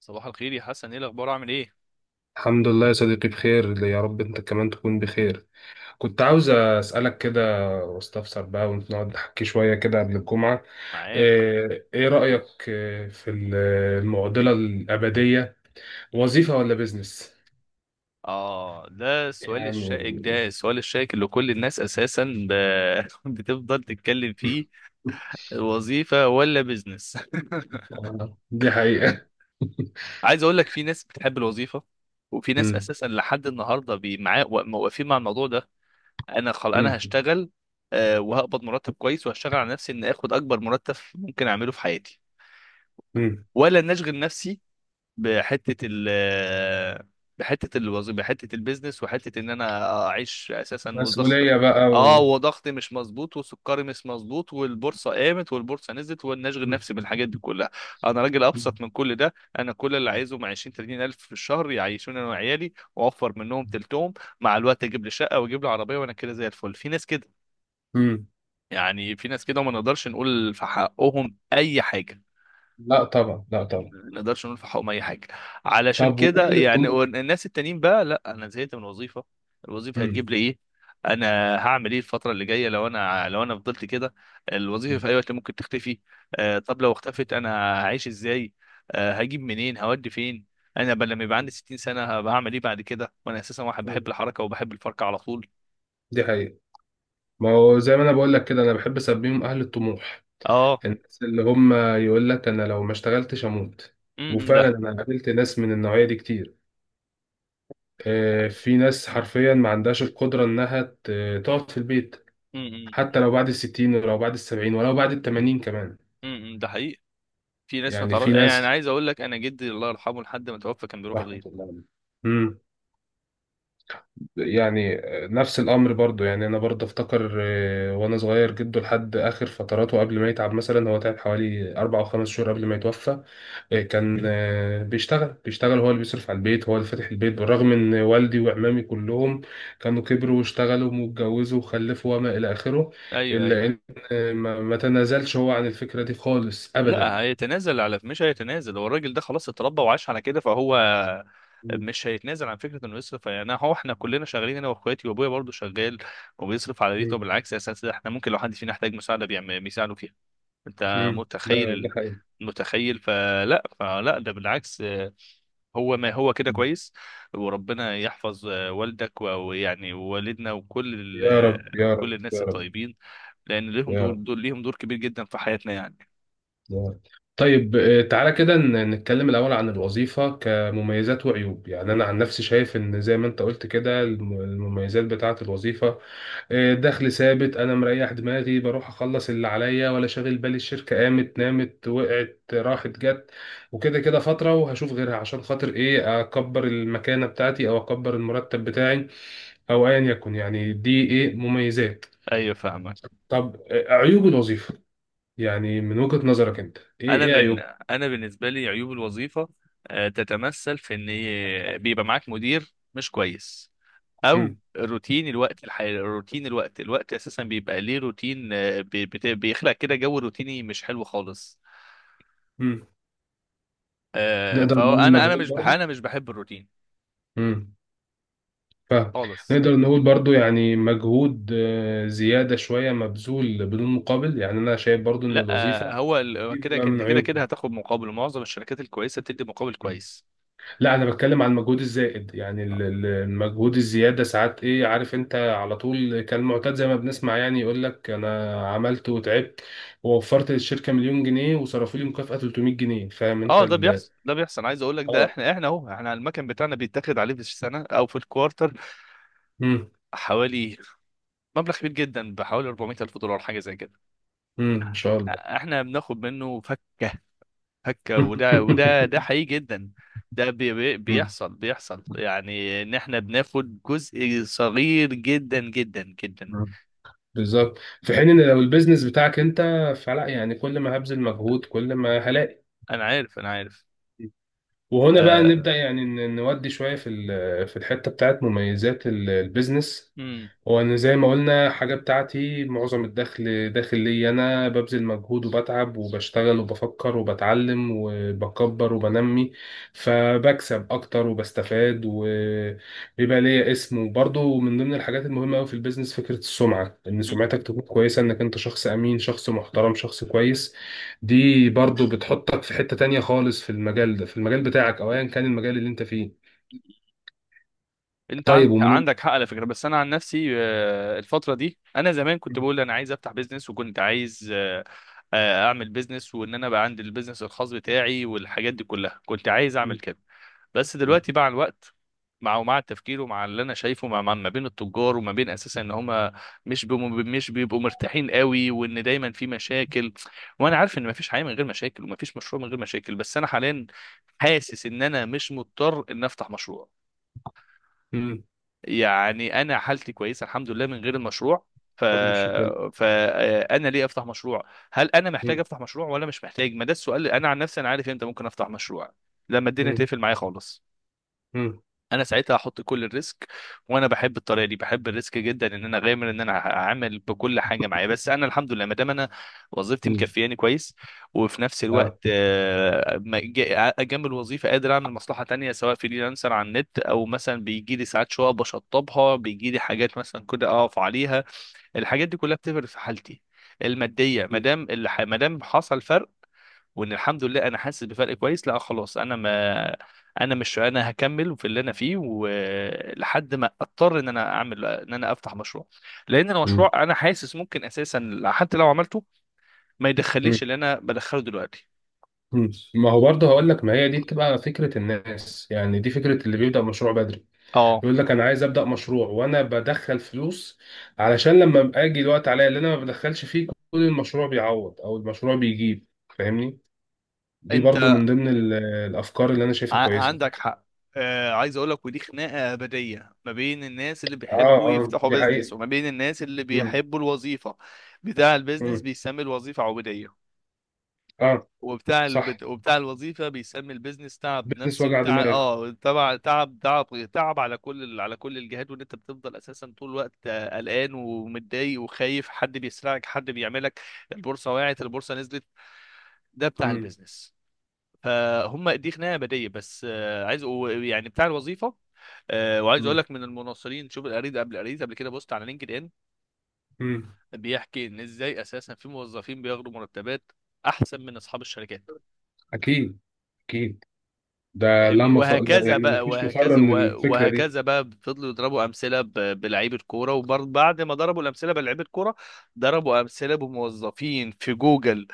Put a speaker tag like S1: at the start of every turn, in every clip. S1: صباح الخير يا حسن، ايه الاخبار، عامل ايه؟
S2: الحمد لله يا صديقي، بخير يا رب، انت كمان تكون بخير. كنت عاوز اسالك كده واستفسر بقى، ونقعد نحكي شويه كده قبل الجمعه.
S1: معاك.
S2: ايه رايك المعضله الابديه،
S1: مم.
S2: وظيفه ولا بيزنس؟
S1: اه، ده السؤال
S2: يعني...
S1: الشائك، اللي كل الناس اساسا ب... بتفضل تتكلم فيه. الوظيفة ولا بيزنس؟
S2: دي حقيقه.
S1: عايز اقول لك في ناس بتحب الوظيفة، وفي ناس
S2: مم.
S1: اساسا لحد النهارده معاه واقفين مع الموضوع ده. انا
S2: مم.
S1: هشتغل. آه، وهقبض مرتب كويس، وهشتغل على نفسي ان اخد اكبر مرتب ممكن اعمله في حياتي،
S2: مم.
S1: ولا ان اشغل نفسي بحته ال بحته الوظيفه، بحته البيزنس، وحته ان انا اعيش اساسا وضغط.
S2: مسؤوليه بقى
S1: اه،
S2: و...
S1: وضغطي مش مظبوط، وسكري مش مظبوط، والبورصه قامت، والبورصه نزلت، وانا اشغل نفسي بالحاجات دي كلها. انا راجل
S2: مم.
S1: ابسط من كل ده. انا كل اللي عايزه مع 20 30 الف في الشهر، يعيشوني انا وعيالي واوفر منهم تلتهم. مع الوقت اجيب لي شقه، واجيب لي عربيه، وانا كده زي الفل. في ناس كده،
S2: مم.
S1: يعني في ناس كده ما نقدرش نقول في حقهم اي حاجه،
S2: لا طبعا، لا طبعا.
S1: ما نقدرش نقول في حقهم اي حاجه. علشان
S2: طب،
S1: كده
S2: واهل
S1: يعني
S2: الطموح؟
S1: الناس التانيين بقى، لا، انا زهقت من الوظيفه، الوظيفه
S2: مم.
S1: هتجيب لي ايه؟ انا هعمل ايه الفتره اللي جايه لو انا فضلت كده؟ الوظيفه في
S2: مم.
S1: اي وقت ممكن تختفي. آه، طب لو اختفت، انا هعيش ازاي؟ آه، هجيب منين، هودي فين؟ انا لما يبقى عندي 60 سنه هبقى هعمل ايه بعد كده، وانا اساسا واحد بحب الحركه وبحب الفركه على طول؟
S2: دي حقيقه. ما هو زي ما انا بقول لك كده، انا بحب اسميهم اهل الطموح،
S1: اه.
S2: الناس اللي هم يقول لك انا لو ما اشتغلتش اموت. وفعلا
S1: ده.
S2: انا قابلت ناس من النوعيه دي كتير. في ناس حرفيا ما عندهاش القدره انها تقعد في البيت،
S1: امم
S2: حتى لو بعد الستين ولو بعد السبعين ولو بعد التمانين كمان.
S1: ده حقيقي. في ناس ما
S2: يعني
S1: تعرفش،
S2: في
S1: يعني انا
S2: ناس،
S1: عايز اقول لك، انا جدي الله يرحمه لحد ما توفى كان بيروح
S2: رحمه
S1: الغيط.
S2: الله عليهم. امم يعني نفس الامر برضو، يعني انا برضو افتكر. وانا صغير جده لحد اخر فتراته، قبل ما يتعب مثلا هو تعب حوالي 4 أو 5 شهور قبل ما يتوفى. كان بيشتغل بيشتغل، هو اللي بيصرف على البيت، هو اللي فاتح البيت، بالرغم ان والدي وعمامي كلهم كانوا كبروا واشتغلوا واتجوزوا وخلفوا وما الى اخره،
S1: ايوه، ايوه.
S2: الا ان ما تنازلش هو عن الفكرة دي خالص ابدا.
S1: لا هيتنازل، مش هيتنازل. هو الراجل ده خلاص اتربى وعاش على كده، فهو
S2: مم.
S1: مش هيتنازل عن فكره انه يصرف. يعني هو احنا كلنا شغالين، انا واخواتي وابويا برضه شغال، وبيصرف على بيته.
S2: مم.
S1: بالعكس اساسا احنا ممكن لو حد فينا احتاج مساعده بيساعده فيها. انت
S2: مم. ده
S1: متخيل
S2: ده حقيقي.
S1: متخيل؟ فلا، ده بالعكس، آه، هو ما هو كده كويس. وربنا يحفظ آه، والدك ويعني ووالدنا وكل
S2: يا رب
S1: آه،
S2: يا رب
S1: وكل الناس
S2: يا رب.
S1: الطيبين، لان ليهم
S2: يا
S1: دور،
S2: رب
S1: دول ليهم دور كبير جدا في حياتنا يعني.
S2: يا رب. طيب، تعالى كده نتكلم الأول عن الوظيفة كمميزات وعيوب. يعني أنا عن نفسي شايف إن زي ما أنت قلت كده، المميزات بتاعة الوظيفة دخل ثابت، انا مريح دماغي، بروح اخلص اللي عليا، ولا شاغل بالي الشركه قامت نامت وقعت راحت جت. وكده كده فتره وهشوف غيرها، عشان خاطر ايه؟ اكبر المكانه بتاعتي او اكبر المرتب بتاعي، او ايا يكن. يعني دي ايه؟ مميزات.
S1: ايوه، فاهمك.
S2: طب، عيوب الوظيفه، يعني من وجهه نظرك انت، ايه
S1: انا
S2: ايه
S1: بن...
S2: عيوب؟
S1: انا بالنسبه لي عيوب الوظيفه آه، تتمثل في ان بيبقى معاك مدير مش كويس، او
S2: مم.
S1: روتين. الوقت الحالي روتين الوقت، اساسا بيبقى ليه روتين، آه، بيخلق كده جو روتيني مش حلو خالص.
S2: مم.
S1: آه،
S2: نقدر
S1: فهو
S2: نقول
S1: انا، انا
S2: مجهود
S1: مش بح...
S2: برضه.
S1: انا مش بحب الروتين
S2: مم. فاهم.
S1: خالص.
S2: نقدر نقول برضو، يعني مجهود زيادة شوية مبذول بدون مقابل. يعني أنا شايف برضو إن
S1: لا آه،
S2: الوظيفة
S1: هو هو
S2: دي
S1: كده،
S2: بقى من
S1: انت كده كده
S2: عيوبهم.
S1: هتاخد مقابل، معظم الشركات الكويسه بتدي مقابل
S2: مم.
S1: كويس.
S2: لا انا بتكلم عن المجهود الزائد، يعني المجهود الزياده ساعات ايه، عارف انت على طول كان معتاد زي ما بنسمع، يعني يقول لك انا عملت وتعبت ووفرت للشركه مليون جنيه وصرفوا لي مكافاه 300 جنيه. فاهم انت
S1: اه، ده
S2: ال
S1: بيحصل، عايز اقول لك، ده
S2: اه
S1: احنا، اهو احنا المكن بتاعنا بيتاخد عليه في السنه او في الكوارتر
S2: امم
S1: حوالي، مبلغ كبير جدا بحوالي 400 الف دولار حاجه زي كده.
S2: ان شاء الله.
S1: احنا بناخد منه فكه، وده، ده حقيقي جدا. ده
S2: مم.
S1: بيحصل، يعني ان احنا بناخد جزء صغير جدا جدا جدا.
S2: مم. بالظبط. في حين ان لو البيزنس بتاعك انت فلا، يعني كل ما هبذل مجهود كل ما هلاقي.
S1: انا عارف،
S2: وهنا بقى نبدأ،
S1: آه.
S2: يعني نودي شوية في الحتة بتاعت مميزات البيزنس. وأنا زي ما قلنا حاجة بتاعتي، معظم الدخل داخل لي أنا، ببذل مجهود وبتعب وبشتغل وبفكر وبتعلم وبكبر وبنمي، فبكسب أكتر وبستفاد وبيبقى ليا اسم. وبرضه من ضمن الحاجات المهمة أوي في البيزنس فكرة السمعة، إن سمعتك تكون كويسة، إنك أنت شخص أمين، شخص محترم، شخص كويس. دي برضه بتحطك في حتة تانية خالص في المجال ده، في المجال بتاعك أو أيا كان المجال اللي أنت فيه.
S1: مم. انت
S2: طيب، ومن...
S1: عندك حق على فكره. بس انا عن نفسي آه، الفتره دي انا زمان كنت بقول انا عايز افتح بيزنس، وكنت عايز، اعمل بيزنس، وان انا بقى عندي البيزنس الخاص بتاعي والحاجات دي كلها، كنت عايز اعمل
S2: مم.
S1: كده. بس دلوقتي مع الوقت، مع ومع التفكير ومع اللي انا شايفه، مع ما بين التجار وما بين اساسا ان هم، مش بيبقوا مرتاحين قوي، وان دايما في مشاكل. وانا عارف ان ما فيش حياه من غير مشاكل، وما فيش مشروع من غير مشاكل، بس انا حاليا حاسس ان انا مش مضطر ان افتح مشروع.
S2: مم.
S1: يعني انا حالتي كويسه الحمد لله من غير المشروع. ف
S2: الحمد لله، شكرا.
S1: فانا ليه افتح مشروع؟ هل انا محتاج افتح مشروع ولا مش محتاج؟ ما ده السؤال. انا عن نفسي انا عارف امتى ممكن افتح مشروع، لما الدنيا
S2: مم.
S1: تقفل معايا خالص.
S2: مم.
S1: انا ساعتها هحط كل الريسك، وانا بحب الطريقه دي، بحب الريسك جدا، ان انا غامر ان انا هعمل بكل حاجه معايا. بس انا الحمد لله ما دام انا وظيفتي
S2: مم.
S1: مكفياني كويس، وفي نفس الوقت
S2: اه.
S1: آه، جنب الوظيفه قادر اعمل مصلحه تانية، سواء فريلانسر على النت، او مثلا بيجي لي ساعات شقق بشطبها، بيجي لي حاجات مثلا كده اقف عليها. الحاجات دي كلها بتفرق في حالتي الماديه، ما
S2: مم.
S1: دام ما دام حصل فرق، وان الحمد لله انا حاسس بفرق كويس. لا خلاص، انا ما انا مش انا هكمل في اللي انا فيه، ولحد ما اضطر ان انا اعمل، ان انا افتح مشروع. لان
S2: مم.
S1: المشروع انا حاسس ممكن اساسا حتى لو عملته ما يدخليش
S2: مم.
S1: اللي انا بدخله دلوقتي.
S2: مم. ما هو برضه هقول لك، ما هي دي بتبقى فكرة الناس، يعني دي فكرة اللي بيبدأ مشروع بدري.
S1: اه،
S2: يقول لك أنا عايز أبدأ مشروع وأنا بدخل فلوس، علشان لما أبقى أجي الوقت عليا اللي أنا ما بدخلش فيه كل المشروع بيعوض أو المشروع بيجيب. فاهمني. دي
S1: انت
S2: برضه من ضمن الأفكار اللي أنا شايفها كويسة.
S1: عندك حق. آه، عايز اقول لك، ودي خناقه ابديه ما بين الناس اللي
S2: اه
S1: بيحبوا
S2: اه
S1: يفتحوا
S2: دي
S1: بيزنس
S2: حقيقة.
S1: وما بين الناس اللي
S2: مم.
S1: بيحبوا الوظيفه. بتاع البيزنس
S2: مم.
S1: بيسمي الوظيفه عبوديه،
S2: اه. صح.
S1: وبتاع الوظيفه بيسمي البيزنس تعب
S2: بزنس
S1: نفسي
S2: وجع
S1: وتعب،
S2: دماغ.
S1: اه، تبع تعب تعب على كل على كل الجهات، وان انت بتفضل اساسا طول الوقت آه، قلقان ومتضايق وخايف، حد بيسرقك، حد بيعملك، البورصه وقعت، البورصه نزلت، ده بتاع
S2: مم.
S1: البيزنس. فهم دي خناقه بديه. بس آه، عايز، يعني بتاع الوظيفه، آه، وعايز اقول
S2: مم.
S1: لك من المناصرين. شوف، قريت قبل، كده بوست على لينكد ان
S2: مم.
S1: بيحكي ان ازاي اساسا في موظفين بياخدوا مرتبات احسن من اصحاب الشركات.
S2: أكيد. أكيد. ده لا
S1: فاهمني؟
S2: ولا،
S1: وهكذا
S2: يعني ما
S1: بقى،
S2: فيش مفر من الفكرة دي.
S1: وهكذا بقى، فضلوا يضربوا امثله بلعيبه كوره، وبعد ما ضربوا الامثله بلعيبه كوره ضربوا امثله بموظفين في جوجل،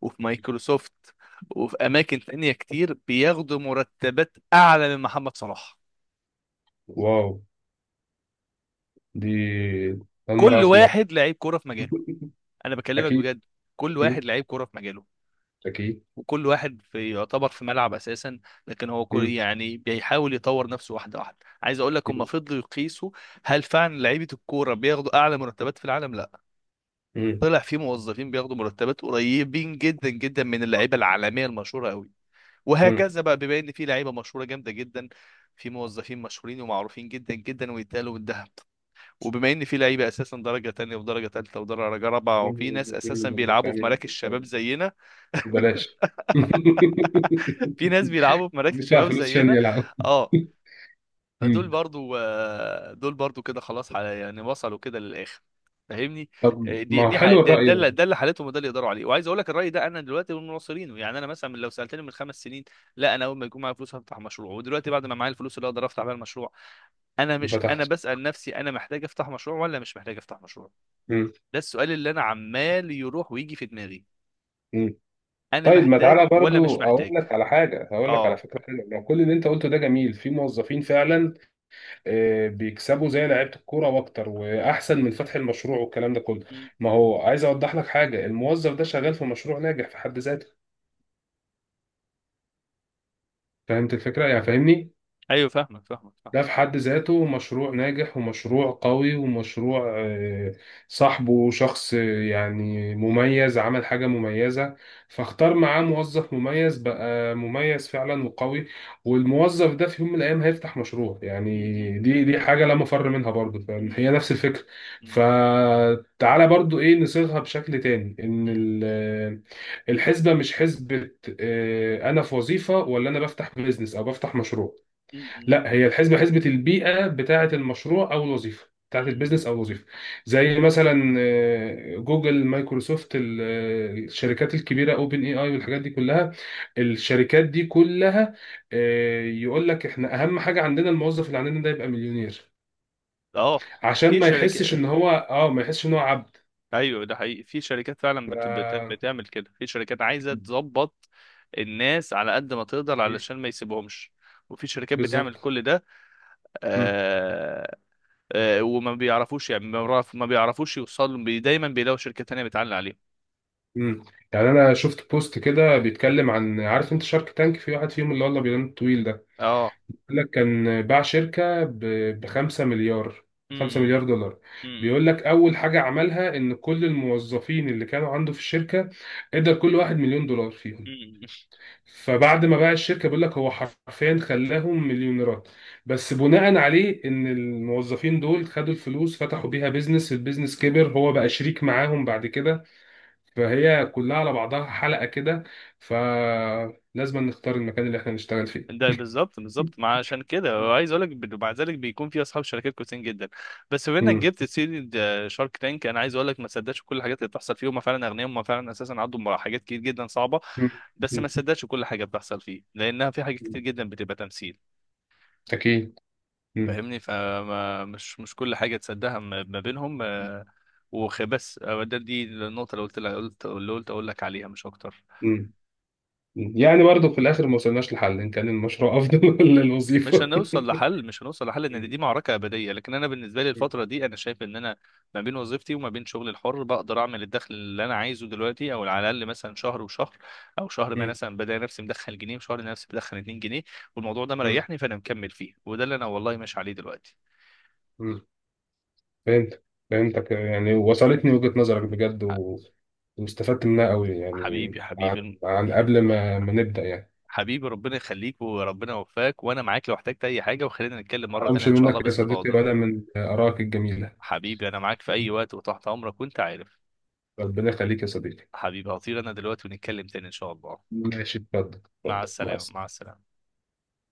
S1: وفي مايكروسوفت، وفي اماكن تانية كتير، بياخدوا مرتبات اعلى من محمد صلاح.
S2: واو. دي أول مرة
S1: كل
S2: أعرف المعلومة.
S1: واحد لعيب كوره في مجاله. انا بكلمك
S2: أكيد.
S1: بجد، كل واحد
S2: أكيد.
S1: لعيب كوره في مجاله،
S2: أكيد.
S1: وكل واحد في يعتبر في ملعب اساسا، لكن هو كل
S2: مم.
S1: يعني بيحاول يطور نفسه، واحده واحده. عايز اقول لك، هم
S2: مم.
S1: فضلوا يقيسوا هل فعلا لعيبه الكوره بياخدوا اعلى مرتبات في العالم؟ لا.
S2: مم.
S1: طلع في موظفين بياخدوا مرتبات قريبين جدا جدا من اللعيبه العالميه المشهوره قوي.
S2: مم.
S1: وهكذا بقى، بما ان في لعيبه مشهوره جامده جدا، في موظفين مشهورين ومعروفين جدا جدا ويتقالوا بالذهب. وبما ان في لعيبه اساسا درجه تانية ودرجه تالتة ودرجه رابعه، وفي ناس اساسا بيلعبوا في مراكز شباب زينا،
S2: بلاش.
S1: في ناس بيلعبوا في مراكز
S2: بيدفع
S1: شباب
S2: فلوس عشان
S1: زينا،
S2: يلعب.
S1: اه، فدول
S2: مم.
S1: برضو آه، دول برضو كده خلاص، يعني وصلوا كده للاخر، فاهمني.
S2: طب،
S1: آه،
S2: ما هو حلو
S1: ده
S2: الرأي ده.
S1: اللي، حالتهم، وده اللي يقدروا عليه. وعايز اقول لك، الراي ده انا دلوقتي من مناصرينه. يعني انا مثلا لو سالتني من خمس سنين، لا، انا اول ما يكون معايا فلوس هفتح مشروع. ودلوقتي بعد ما معايا الفلوس اللي اقدر افتح بيها المشروع، انا
S2: ما
S1: مش انا
S2: فتحتش.
S1: بسال نفسي انا محتاج افتح مشروع ولا مش محتاج افتح مشروع.
S2: مم.
S1: ده السؤال اللي انا عمال يروح ويجي في دماغي،
S2: مم.
S1: انا
S2: طيب، ما
S1: محتاج
S2: تعالى
S1: ولا
S2: برضو
S1: مش
S2: أقول
S1: محتاج؟
S2: لك على حاجة، هقول لك على
S1: اه.
S2: فكرة حلوة. ما كل اللي أنت قلته ده جميل، في موظفين فعلا بيكسبوا زي لعيبه الكوره واكتر واحسن من فتح المشروع والكلام ده كله.
S1: مم.
S2: ما هو عايز اوضح لك حاجه، الموظف ده شغال في مشروع ناجح في حد ذاته. فهمت الفكره؟ يعني فاهمني،
S1: ايوه، فاهمك، فاهمك
S2: ده في حد ذاته مشروع ناجح ومشروع قوي ومشروع صاحبه شخص يعني مميز، عمل حاجة مميزة، فاختار معاه موظف مميز بقى، مميز فعلا وقوي. والموظف ده في يوم من الأيام هيفتح مشروع،
S1: فاهمك
S2: يعني دي حاجة لا مفر منها برضه، فهي
S1: مم.
S2: نفس الفكرة.
S1: مم.
S2: فتعالى برضه، إيه نصيغها بشكل تاني، إن
S1: مم.
S2: الحسبة مش حسبة أنا في وظيفة ولا أنا بفتح بيزنس أو بفتح مشروع.
S1: مم.
S2: لا، هي الحسبه حسبه البيئه بتاعه المشروع او الوظيفه، بتاعه
S1: مم.
S2: البيزنس او الوظيفه. زي مثلا جوجل، مايكروسوفت، الشركات الكبيره، اوبن اي اي والحاجات دي كلها. الشركات دي كلها يقول لك احنا اهم حاجه عندنا الموظف اللي عندنا ده يبقى مليونير،
S1: اه،
S2: عشان
S1: في
S2: ما
S1: شركات،
S2: يحسش ان هو اه ما يحسش ان هو عبد.
S1: ايوه، ده حقيقي، في شركات فعلا
S2: ف-
S1: بتعمل كده. في شركات عايزه تظبط الناس على قد ما تقدر علشان ما يسيبهمش، وفي شركات بتعمل
S2: بالظبط.
S1: كل ده.
S2: مم.
S1: آه... وما بيعرفوش، يعني ما بيعرفوش يوصلوا دايما بيلاقوا شركات تانية بتعلي عليهم.
S2: مم. يعني انا شفت بوست كده بيتكلم عن، عارف انت شارك تانك؟ في واحد فيهم، اللي والله بينام طويل ده،
S1: اه،
S2: بيقول لك كان باع شركة ب 5 مليار. 5 مليار دولار. بيقول لك أول حاجة عملها إن كل الموظفين اللي كانوا عنده في الشركة ادى كل واحد مليون دولار فيهم.
S1: امم،
S2: فبعد ما باع الشركة بيقول لك هو حرفيا خلاهم مليونيرات، بس بناء عليه إن الموظفين دول خدوا الفلوس فتحوا بيها بيزنس، البيزنس كبر هو بقى شريك معاهم بعد كده. فهي كلها على بعضها حلقة كده، فلازم نختار المكان اللي احنا نشتغل فيه.
S1: ده بالظبط، ما عشان كده. وعايز اقول لك، مع ذلك بيكون في اصحاب شركات كويسين جدا. بس بما انك
S2: مم.
S1: جبت سيره شارك تانك، انا عايز اقول لك ما تصدقش كل الحاجات اللي بتحصل فيه. هم فعلا اغنياء، هم فعلا اساسا عندهم حاجات كتير جدا صعبه،
S2: مم.
S1: بس ما تصدقش كل حاجه بتحصل فيه، لانها في حاجات كتير
S2: مم.
S1: جدا بتبقى تمثيل.
S2: أكيد. مم.
S1: فاهمني؟ فمش مش مش كل حاجه تصدقها ما ما بينهم آه، بس آه، ده دي النقطه اللي قلت لك، قلت اللي قلت اقول لك عليها، مش اكتر.
S2: مم. مم. يعني برضه في الآخر ما وصلناش لحل إن كان المشروع أفضل ولا
S1: مش
S2: الوظيفة.
S1: هنوصل لحل، ان
S2: مم.
S1: دي معركه ابديه. لكن انا بالنسبه لي الفتره دي انا شايف ان انا ما بين وظيفتي وما بين شغلي الحر بقدر اعمل الدخل اللي انا عايزه دلوقتي، او على الاقل مثلا شهر وشهر، او شهر ما
S2: مم.
S1: مثلا بدأ نفسي مدخل جنيه، وشهر نفسي مدخل 2 جنيه. والموضوع ده
S2: مم.
S1: مريحني، فانا مكمل فيه، وده اللي انا والله ماشي عليه دلوقتي.
S2: مم. فهمت. فهمتك، يعني وصلتني وجهة نظرك بجد،
S1: ح-
S2: و... واستفدت منها قوي، يعني
S1: حبيبي،
S2: عن، عن قبل ما نبدأ يعني.
S1: حبيبي ربنا يخليك، وربنا يوفقك، وانا معاك لو احتجت اي حاجه، وخلينا نتكلم مره تانية
S2: أمشي
S1: ان شاء
S2: منك
S1: الله
S2: يا صديقي
S1: باستفاضه.
S2: ولا من آرائك الجميلة؟
S1: حبيبي انا معاك في اي وقت، وتحت امرك، وانت عارف.
S2: ربنا يخليك يا صديقي.
S1: حبيبي هطير انا دلوقتي، ونتكلم تاني ان شاء الله.
S2: ماشي، اتفضل
S1: مع
S2: اتفضل، مع
S1: السلامة، مع
S2: السلامة.
S1: السلامة.